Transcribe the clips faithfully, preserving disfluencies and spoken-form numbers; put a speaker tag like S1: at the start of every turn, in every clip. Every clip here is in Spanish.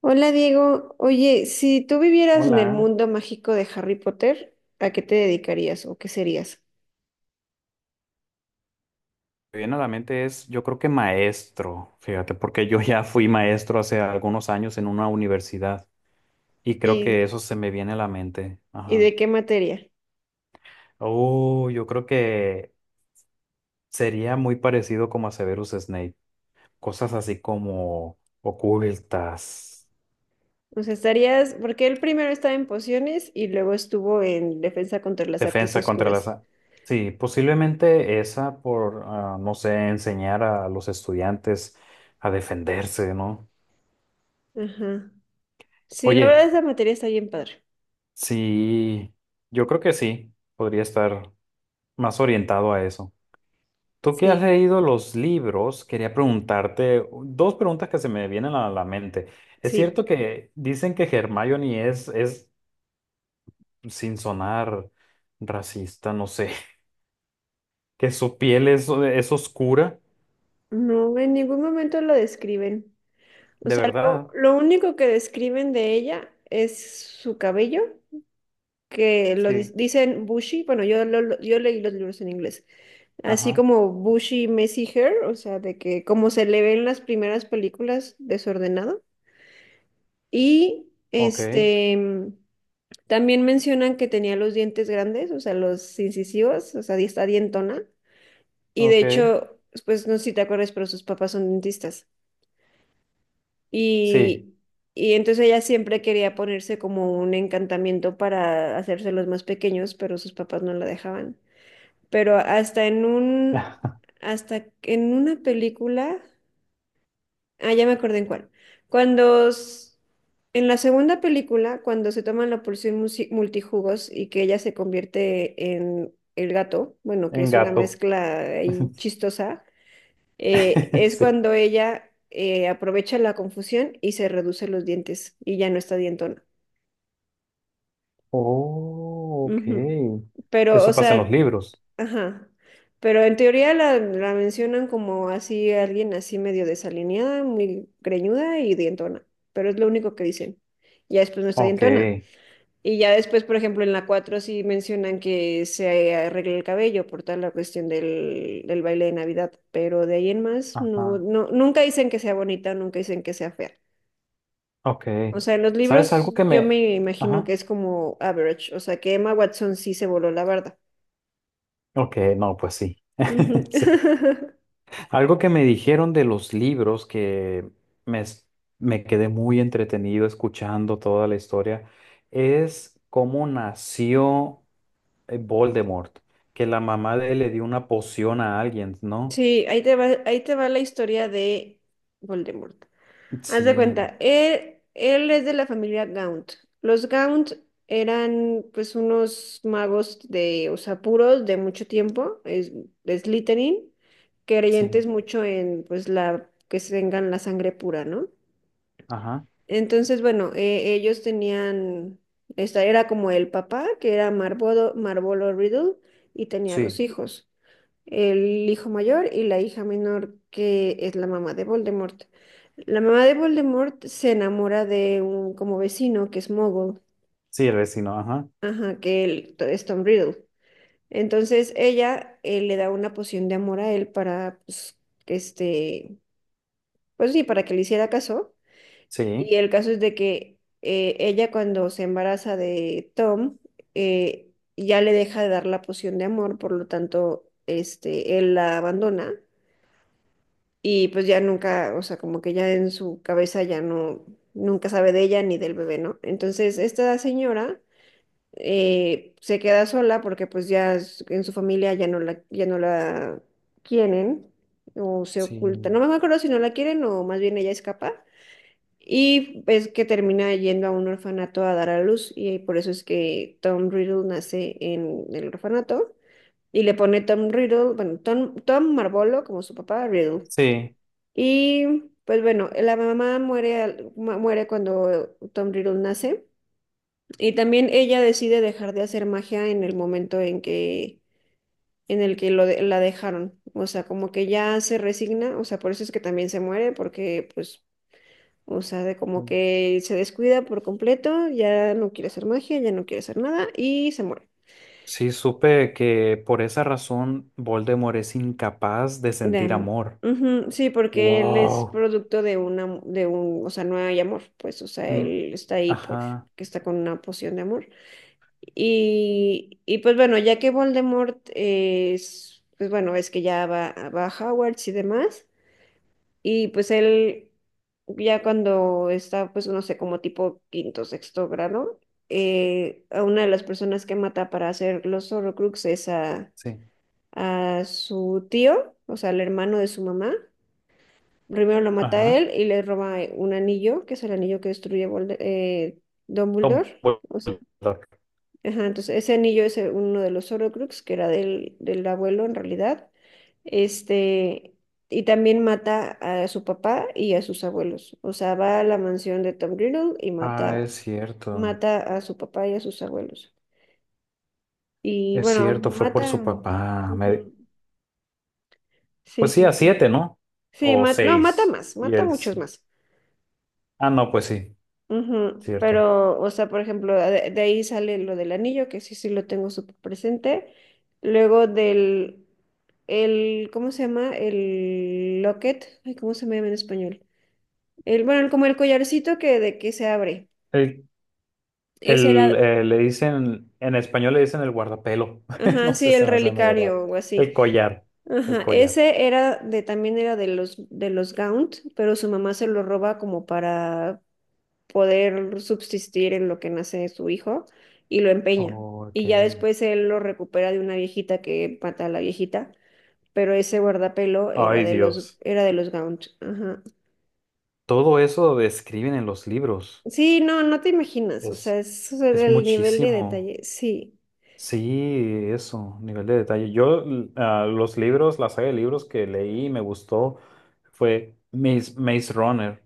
S1: Hola Diego, oye, si tú vivieras en el
S2: Hola,
S1: mundo mágico de Harry Potter, ¿a qué te dedicarías o qué serías?
S2: me viene a la mente es, yo creo que maestro, fíjate, porque yo ya fui maestro hace algunos años en una universidad y creo que
S1: ¿Y,
S2: eso se me viene a la mente.
S1: y de
S2: Ajá.
S1: qué materia?
S2: Oh, yo creo que sería muy parecido como a Severus Snape, cosas así como ocultas,
S1: O sea, estarías, porque él primero estaba en pociones y luego estuvo en defensa contra las artes
S2: defensa contra las...
S1: oscuras.
S2: a- Sí, posiblemente esa por, ah, no sé, enseñar a los estudiantes a defenderse, ¿no?
S1: Ajá. Sí, la verdad
S2: Oye.
S1: esa materia está bien padre.
S2: Sí, yo creo que sí, podría estar más orientado a eso. Tú que has
S1: Sí,
S2: leído los libros, quería preguntarte dos preguntas que se me vienen a la mente. ¿Es
S1: sí.
S2: cierto que dicen que Hermione es, es sin sonar racista, no sé, que su piel es, es oscura?
S1: No, en ningún momento lo describen. O
S2: ¿De
S1: sea, lo,
S2: verdad?
S1: lo único que describen de ella es su cabello, que lo dis-
S2: Sí.
S1: dicen bushy. Bueno, yo, lo- lo- yo leí los libros en inglés. Así
S2: Ajá.
S1: como Bushy Messy Hair, o sea, de que como se le ve en las primeras películas, desordenado. Y
S2: Ok.
S1: este, mm, también mencionan que tenía los dientes grandes, o sea, los incisivos, o sea, di- está dientona. Y de
S2: Ok.
S1: hecho, pues no sé si te acuerdas, pero sus papás son dentistas.
S2: Sí.
S1: Y, y entonces ella siempre quería ponerse como un encantamiento para hacérselos más pequeños, pero sus papás no la dejaban. Pero hasta en un, hasta en una película. Ah, ya me acordé en cuál. Cuando s- en la segunda película, cuando se toman la porción musi- multijugos y que ella se convierte en el gato, bueno, que
S2: En
S1: es una
S2: gato.
S1: mezcla ahí chistosa, eh, es
S2: Sí.
S1: cuando ella eh, aprovecha la confusión y se reduce los dientes y ya no está dientona.
S2: Oh,
S1: Ujú.
S2: ok.
S1: Pero, o
S2: Eso pasa en los
S1: sea,
S2: libros.
S1: ajá. Pero en teoría la, la mencionan como así, alguien así medio desalineada, muy greñuda y dientona. Pero es lo único que dicen. Ya después no está
S2: Ok,
S1: dientona. Y ya después, por ejemplo, en la cuatro sí mencionan que se arregle el cabello por tal la cuestión del, del baile de Navidad. Pero de ahí en más, no,
S2: ajá,
S1: no, nunca dicen que sea bonita, nunca dicen que sea fea.
S2: ok.
S1: O sea, en los
S2: ¿Sabes
S1: libros
S2: algo que
S1: yo
S2: me...
S1: me imagino
S2: Ajá,
S1: que es como average. O sea, que Emma Watson sí se voló la barda.
S2: ok, no, pues sí.
S1: Ujú.
S2: Sí. Algo que me dijeron de los libros que me, es- me quedé muy entretenido escuchando toda la historia es cómo nació eh, Voldemort, que la mamá de él le dio una poción a alguien, ¿no?
S1: Sí, ahí te va, ahí te va la historia de Voldemort. Haz de
S2: Sí,
S1: cuenta, él, él es de la familia Gaunt. Los Gaunt eran pues unos magos de, o sea, puros de mucho tiempo, es, de Slytherin,
S2: sí,
S1: creyentes mucho en pues la, que tengan la sangre pura, ¿no?
S2: ajá,
S1: Entonces, bueno, eh, ellos tenían, esta era como el papá, que era Marvolo, Marvolo Riddle, y tenía dos
S2: sí,
S1: hijos, el hijo mayor y la hija menor, que es la mamá de Voldemort. La mamá de Voldemort se enamora de un como vecino que es Mogul,
S2: sí, vecino, ajá,
S1: ajá, que él to- es Tom Riddle. Entonces ella eh, le da una poción de amor a él para, pues, que este, pues sí, para que le hiciera caso.
S2: sí,
S1: Y el caso es de que eh, ella cuando se embaraza de Tom, eh, ya le deja de dar la poción de amor, por lo tanto, este, él la abandona y pues ya nunca, o sea, como que ya en su cabeza ya no, nunca sabe de ella ni del bebé, ¿no? Entonces, esta señora eh, se queda sola porque pues ya s- en su familia ya no la, ya no la quieren o se oculta.
S2: sí,
S1: No me acuerdo si no la quieren o más bien ella escapa. Y es que termina yendo a un orfanato a dar a luz y por eso es que Tom Riddle nace en el orfanato y le pone Tom Riddle, bueno, Tom, Tom Marvolo como su papá, Riddle.
S2: sí.
S1: Y pues bueno, la mamá muere, al- mu- muere cuando Tom Riddle nace. Y también ella decide dejar de hacer magia en el momento en que, en el que lo de- la dejaron. O sea, como que ya se resigna. O sea, por eso es que también se muere, porque pues, o sea, de como que se descuida por completo, ya no quiere hacer magia, ya no quiere hacer nada y se muere.
S2: Sí, supe que por esa razón Voldemort es incapaz de
S1: De
S2: sentir
S1: amor.
S2: amor.
S1: Ujú. Sí, porque él es
S2: Wow.
S1: producto de una, de un, o sea, no hay amor, pues, o sea,
S2: Mm,
S1: él está ahí porque
S2: ajá,
S1: está con una poción de amor. Y, y pues bueno, ya que Voldemort es, pues bueno, es que ya va, va a Hogwarts y demás, y pues él ya cuando está, pues no sé, como tipo quinto, sexto grado, eh, a una de las personas que mata para hacer los Horrocrux es a,
S2: sí.
S1: a su tío, o sea, el hermano de su mamá. Primero lo mata a
S2: Ajá.
S1: él y le roba eh, un anillo, que es el anillo que destruye Volde- eh,
S2: Tom
S1: Dumbledore. O sea,
S2: Voldemort.
S1: ajá, entonces ese anillo es eh, uno de los Horcrux, que era del, del abuelo en realidad. Este, y también mata a su papá y a sus abuelos. O sea, va a la mansión de Tom Riddle y
S2: Ah,
S1: mata,
S2: es cierto.
S1: mata a su papá y a sus abuelos. Y
S2: Es
S1: bueno,
S2: cierto, fue por
S1: mata.
S2: su papá. Me-
S1: Ujú. Sí,
S2: Pues sí,
S1: sí,
S2: a
S1: sí.
S2: siete, ¿no?
S1: Sí,
S2: O
S1: ma- no, mata
S2: seis.
S1: más,
S2: Y
S1: mata
S2: él
S1: muchos
S2: sí.
S1: más.
S2: Ah, no, pues sí,
S1: Ujú.
S2: cierto.
S1: Pero, o sea, por ejemplo, de, de ahí sale lo del anillo, que sí, sí lo tengo súper presente. Luego del, el, ¿cómo se llama? El locket. Ay, ¿cómo se me llama en español? El, bueno, como el collarcito que de que se abre.
S2: El,
S1: Ese
S2: el,
S1: era,
S2: eh, Le dicen, en español le dicen el guardapelo.
S1: ajá,
S2: No
S1: sí,
S2: sé,
S1: el
S2: se me hace medio raro.
S1: relicario o
S2: El
S1: así.
S2: collar. El
S1: Ajá,
S2: collar.
S1: ese era de, también era de los, de los Gaunt, pero su mamá se lo roba como para poder subsistir en lo que nace su hijo y lo empeña.
S2: Ok.
S1: Y ya después él lo recupera de una viejita que mata a la viejita, pero ese guardapelo era
S2: Ay,
S1: de los,
S2: Dios.
S1: era de los Gaunt. Ajá.
S2: Todo eso lo describen en los libros.
S1: Sí, no, no te imaginas, o
S2: Es,
S1: sea, es, o sea,
S2: es
S1: el nivel de
S2: muchísimo.
S1: detalle, sí.
S2: Sí, eso, nivel de detalle. Yo, l- ah, los libros, la saga de libros que leí y me gustó fue Maze, Maze Runner.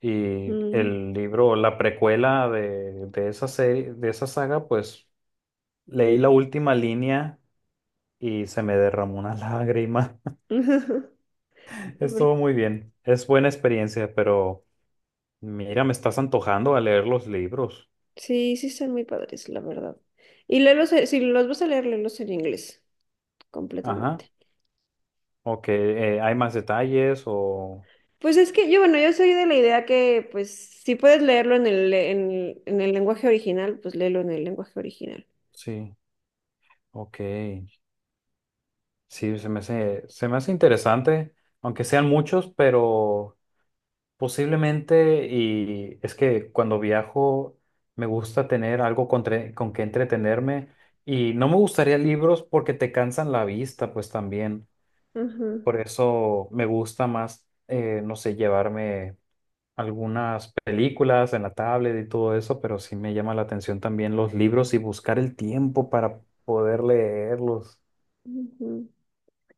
S2: Y
S1: Mm.
S2: el libro, la precuela de, de esa serie, de esa saga, pues leí la última línea y se me derramó una lágrima. Estuvo
S1: Porque-
S2: muy bien. Es buena experiencia, pero mira, me estás antojando a leer los libros.
S1: sí, sí están muy padres, la verdad. Y léelos, eh, si los vas a leer, léelos en inglés,
S2: Ajá.
S1: completamente.
S2: Ok, eh, ¿hay más detalles o...?
S1: Pues es que yo, bueno, yo soy de la idea que, pues, si puedes leerlo en el, en, el- en el lenguaje original, pues léelo en el lenguaje original.
S2: Sí, ok. Sí, se me hace, se me hace interesante, aunque sean muchos, pero posiblemente, y es que cuando viajo me gusta tener algo con, tre- con que entretenerme y no me gustaría libros porque te cansan la vista, pues también.
S1: Ajá,
S2: Por eso me gusta más, eh, no sé, llevarme... algunas películas en la tablet y todo eso, pero sí me llama la atención también los libros y buscar el tiempo para poder leerlos.
S1: ajá,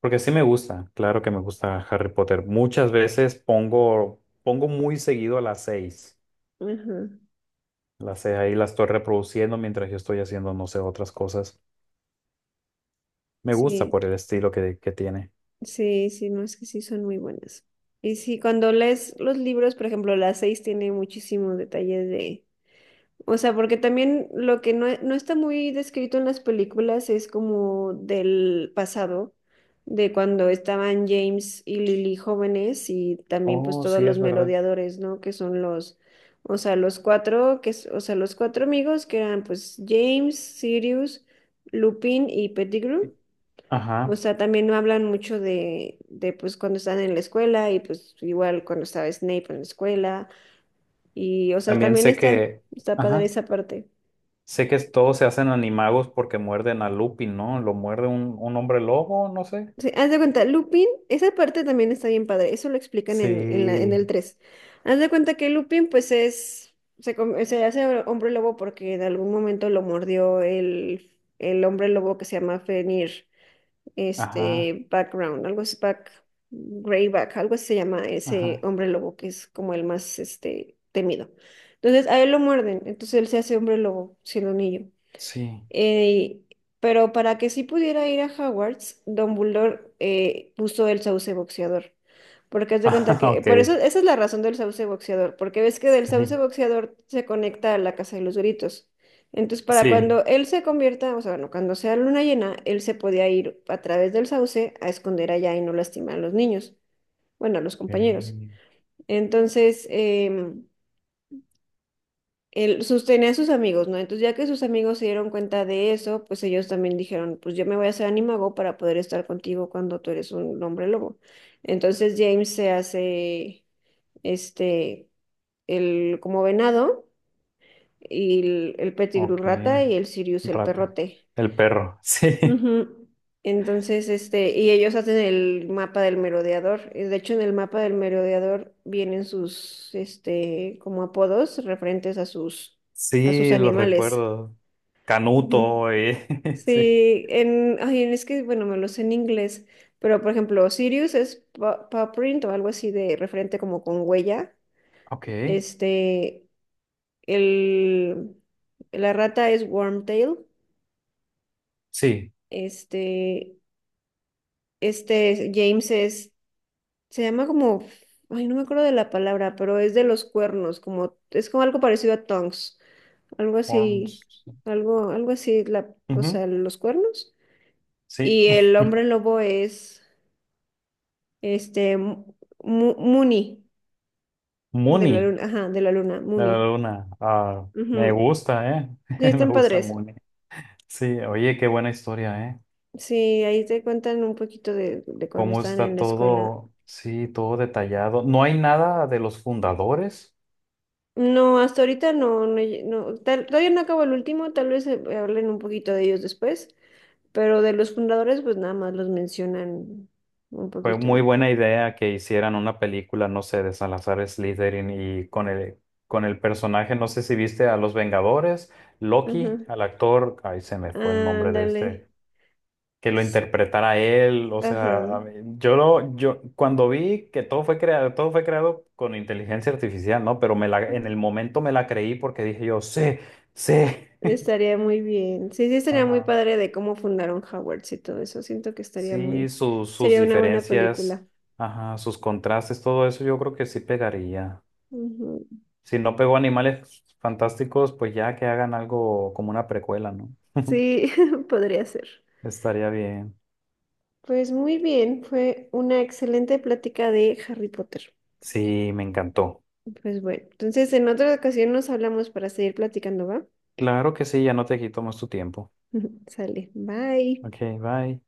S2: Porque sí me gusta, claro que me gusta Harry Potter. Muchas veces pongo, pongo muy seguido a las seis.
S1: ajá.
S2: Las seis ahí las estoy reproduciendo mientras yo estoy haciendo, no sé, otras cosas. Me gusta
S1: Sí,
S2: por el estilo que, que tiene.
S1: sí, sí, no, es que sí son muy buenas. Y sí, cuando lees los libros, por ejemplo, las seis tiene muchísimos detalles. O sea, porque también lo que no, no está muy descrito en las películas es como del pasado, de cuando estaban James y Lily jóvenes y también pues
S2: Oh,
S1: todos
S2: sí,
S1: los
S2: es verdad.
S1: merodeadores, ¿no? Que son los, o sea, los cuatro, que, es- o sea, los cuatro amigos que eran pues James, Sirius, Lupin y Pettigrew. O
S2: Ajá.
S1: sea, también no hablan mucho de, de pues cuando están en la escuela y pues igual cuando estaba Snape en la escuela y, o sea,
S2: También
S1: también
S2: sé
S1: está,
S2: que,
S1: está padre
S2: ajá.
S1: esa parte.
S2: Sé que todos se hacen animagos porque muerden a Lupin, ¿no? Lo muerde un, un hombre lobo, no sé.
S1: Sí, haz de cuenta, Lupin, esa parte también está bien padre, eso lo explican en, en, la- en el
S2: Sí,
S1: tres. Haz de cuenta que Lupin pues es, se, com- se hace hombre lobo porque en algún momento lo mordió el, el hombre lobo que se llama Fenrir,
S2: ajá,
S1: este, Background, algo así, Back, Greyback, algo así se llama ese
S2: ajá,
S1: hombre lobo que es como el más, este, temido. Entonces a él lo muerden, entonces él se hace hombre lobo siendo niño.
S2: sí.
S1: Eh, pero para que sí pudiera ir a Hogwarts, Dumbledore eh, puso el sauce boxeador. Porque haz de cuenta
S2: Ajá,
S1: que,
S2: ok,
S1: por eso, esa es la razón del sauce boxeador, porque ves que del sauce
S2: sí,
S1: boxeador se conecta a la Casa de los Gritos. Entonces, para
S2: sí.
S1: cuando él se convierta, o sea, bueno, cuando sea luna llena, él se podía ir a través del sauce a esconder allá y no lastimar a los niños, bueno, a los compañeros.
S2: Ok,
S1: Entonces, em, él sostenía a sus amigos, ¿no? Entonces, ya que sus amigos se dieron cuenta de eso, pues ellos también dijeron, pues yo me voy a hacer animago para poder estar contigo cuando tú eres un hombre lobo. Entonces, James se hace, este, el como venado, y el, el
S2: ok,
S1: Pettigrew rata y el Sirius el
S2: rata.
S1: perrote.
S2: El perro, sí,
S1: Ujú. Entonces, este, y ellos hacen el mapa del merodeador. Y de hecho, en el mapa del merodeador vienen sus, este, como apodos referentes a sus, a sus,
S2: sí, lo
S1: animales.
S2: recuerdo.
S1: Ujú.
S2: Canuto, eh, sí.
S1: Sí, en, ay, es que, bueno, me lo sé en inglés, pero por ejemplo, Sirius es pa- paw print o algo así de referente como con huella.
S2: Ok,
S1: Este, el, la rata es Wormtail.
S2: sí.
S1: Este, este James es, se llama como, ay, no me acuerdo de la palabra, pero es de los cuernos, como, es como algo parecido a tongs, algo así,
S2: Horns.
S1: algo, algo así, la, o
S2: Ujú,
S1: sea, los cuernos.
S2: sí.
S1: Y el hombre lobo es. Este, Mu- Mu- Muni, de la
S2: Mooney,
S1: luna, ajá, de la luna,
S2: la
S1: Muni.
S2: luna. Ah, me
S1: Ujú.
S2: gusta, ¿eh?
S1: Sí,
S2: Me
S1: están
S2: gusta
S1: padres.
S2: Mooney. Sí, oye, qué buena historia, ¿eh?
S1: Sí, ahí te cuentan un poquito de, de cuando
S2: Cómo
S1: estaban
S2: está
S1: en la escuela.
S2: todo, sí, todo detallado. No hay nada de los fundadores.
S1: No, hasta ahorita no, no, lle- no, tal- todavía no acabo el último, tal vez eh, hablen un poquito de ellos después, pero de los fundadores pues nada más los mencionan un
S2: Fue
S1: poquito
S2: muy
S1: y ya.
S2: buena idea que hicieran una película, no sé, de Salazar Slytherin y con el, con el personaje, no sé si viste a Los Vengadores, Loki,
S1: Ajá,
S2: al actor, ay, se me fue el nombre de
S1: ándale.
S2: este, que lo
S1: S-
S2: interpretara él, o sea,
S1: Ajá.
S2: a mí- yo lo, yo cuando vi que todo fue creado, todo fue creado con inteligencia artificial, ¿no? Pero me la, en el momento me la creí porque dije yo, sí. Sí,
S1: Estaría muy bien. Sí, sí, estaría muy
S2: ajá.
S1: padre de cómo fundaron Hogwarts y todo eso. Siento que estaría
S2: Sí,
S1: muy,
S2: sus, sus
S1: sería una buena
S2: diferencias,
S1: película.
S2: ajá, sus contrastes, todo eso yo creo que sí pegaría.
S1: Ujú.
S2: Si no pegó Animales Fantásticos, pues ya que hagan algo como una precuela, ¿no?
S1: Sí, podría ser.
S2: Estaría bien.
S1: Pues muy bien, fue una excelente plática de Harry Potter.
S2: Sí, me encantó.
S1: Pues bueno, entonces en otra ocasión nos hablamos para seguir platicando, ¿va?
S2: Claro que sí, ya no te quito más tu tiempo.
S1: Sale, bye.
S2: Ok, bye.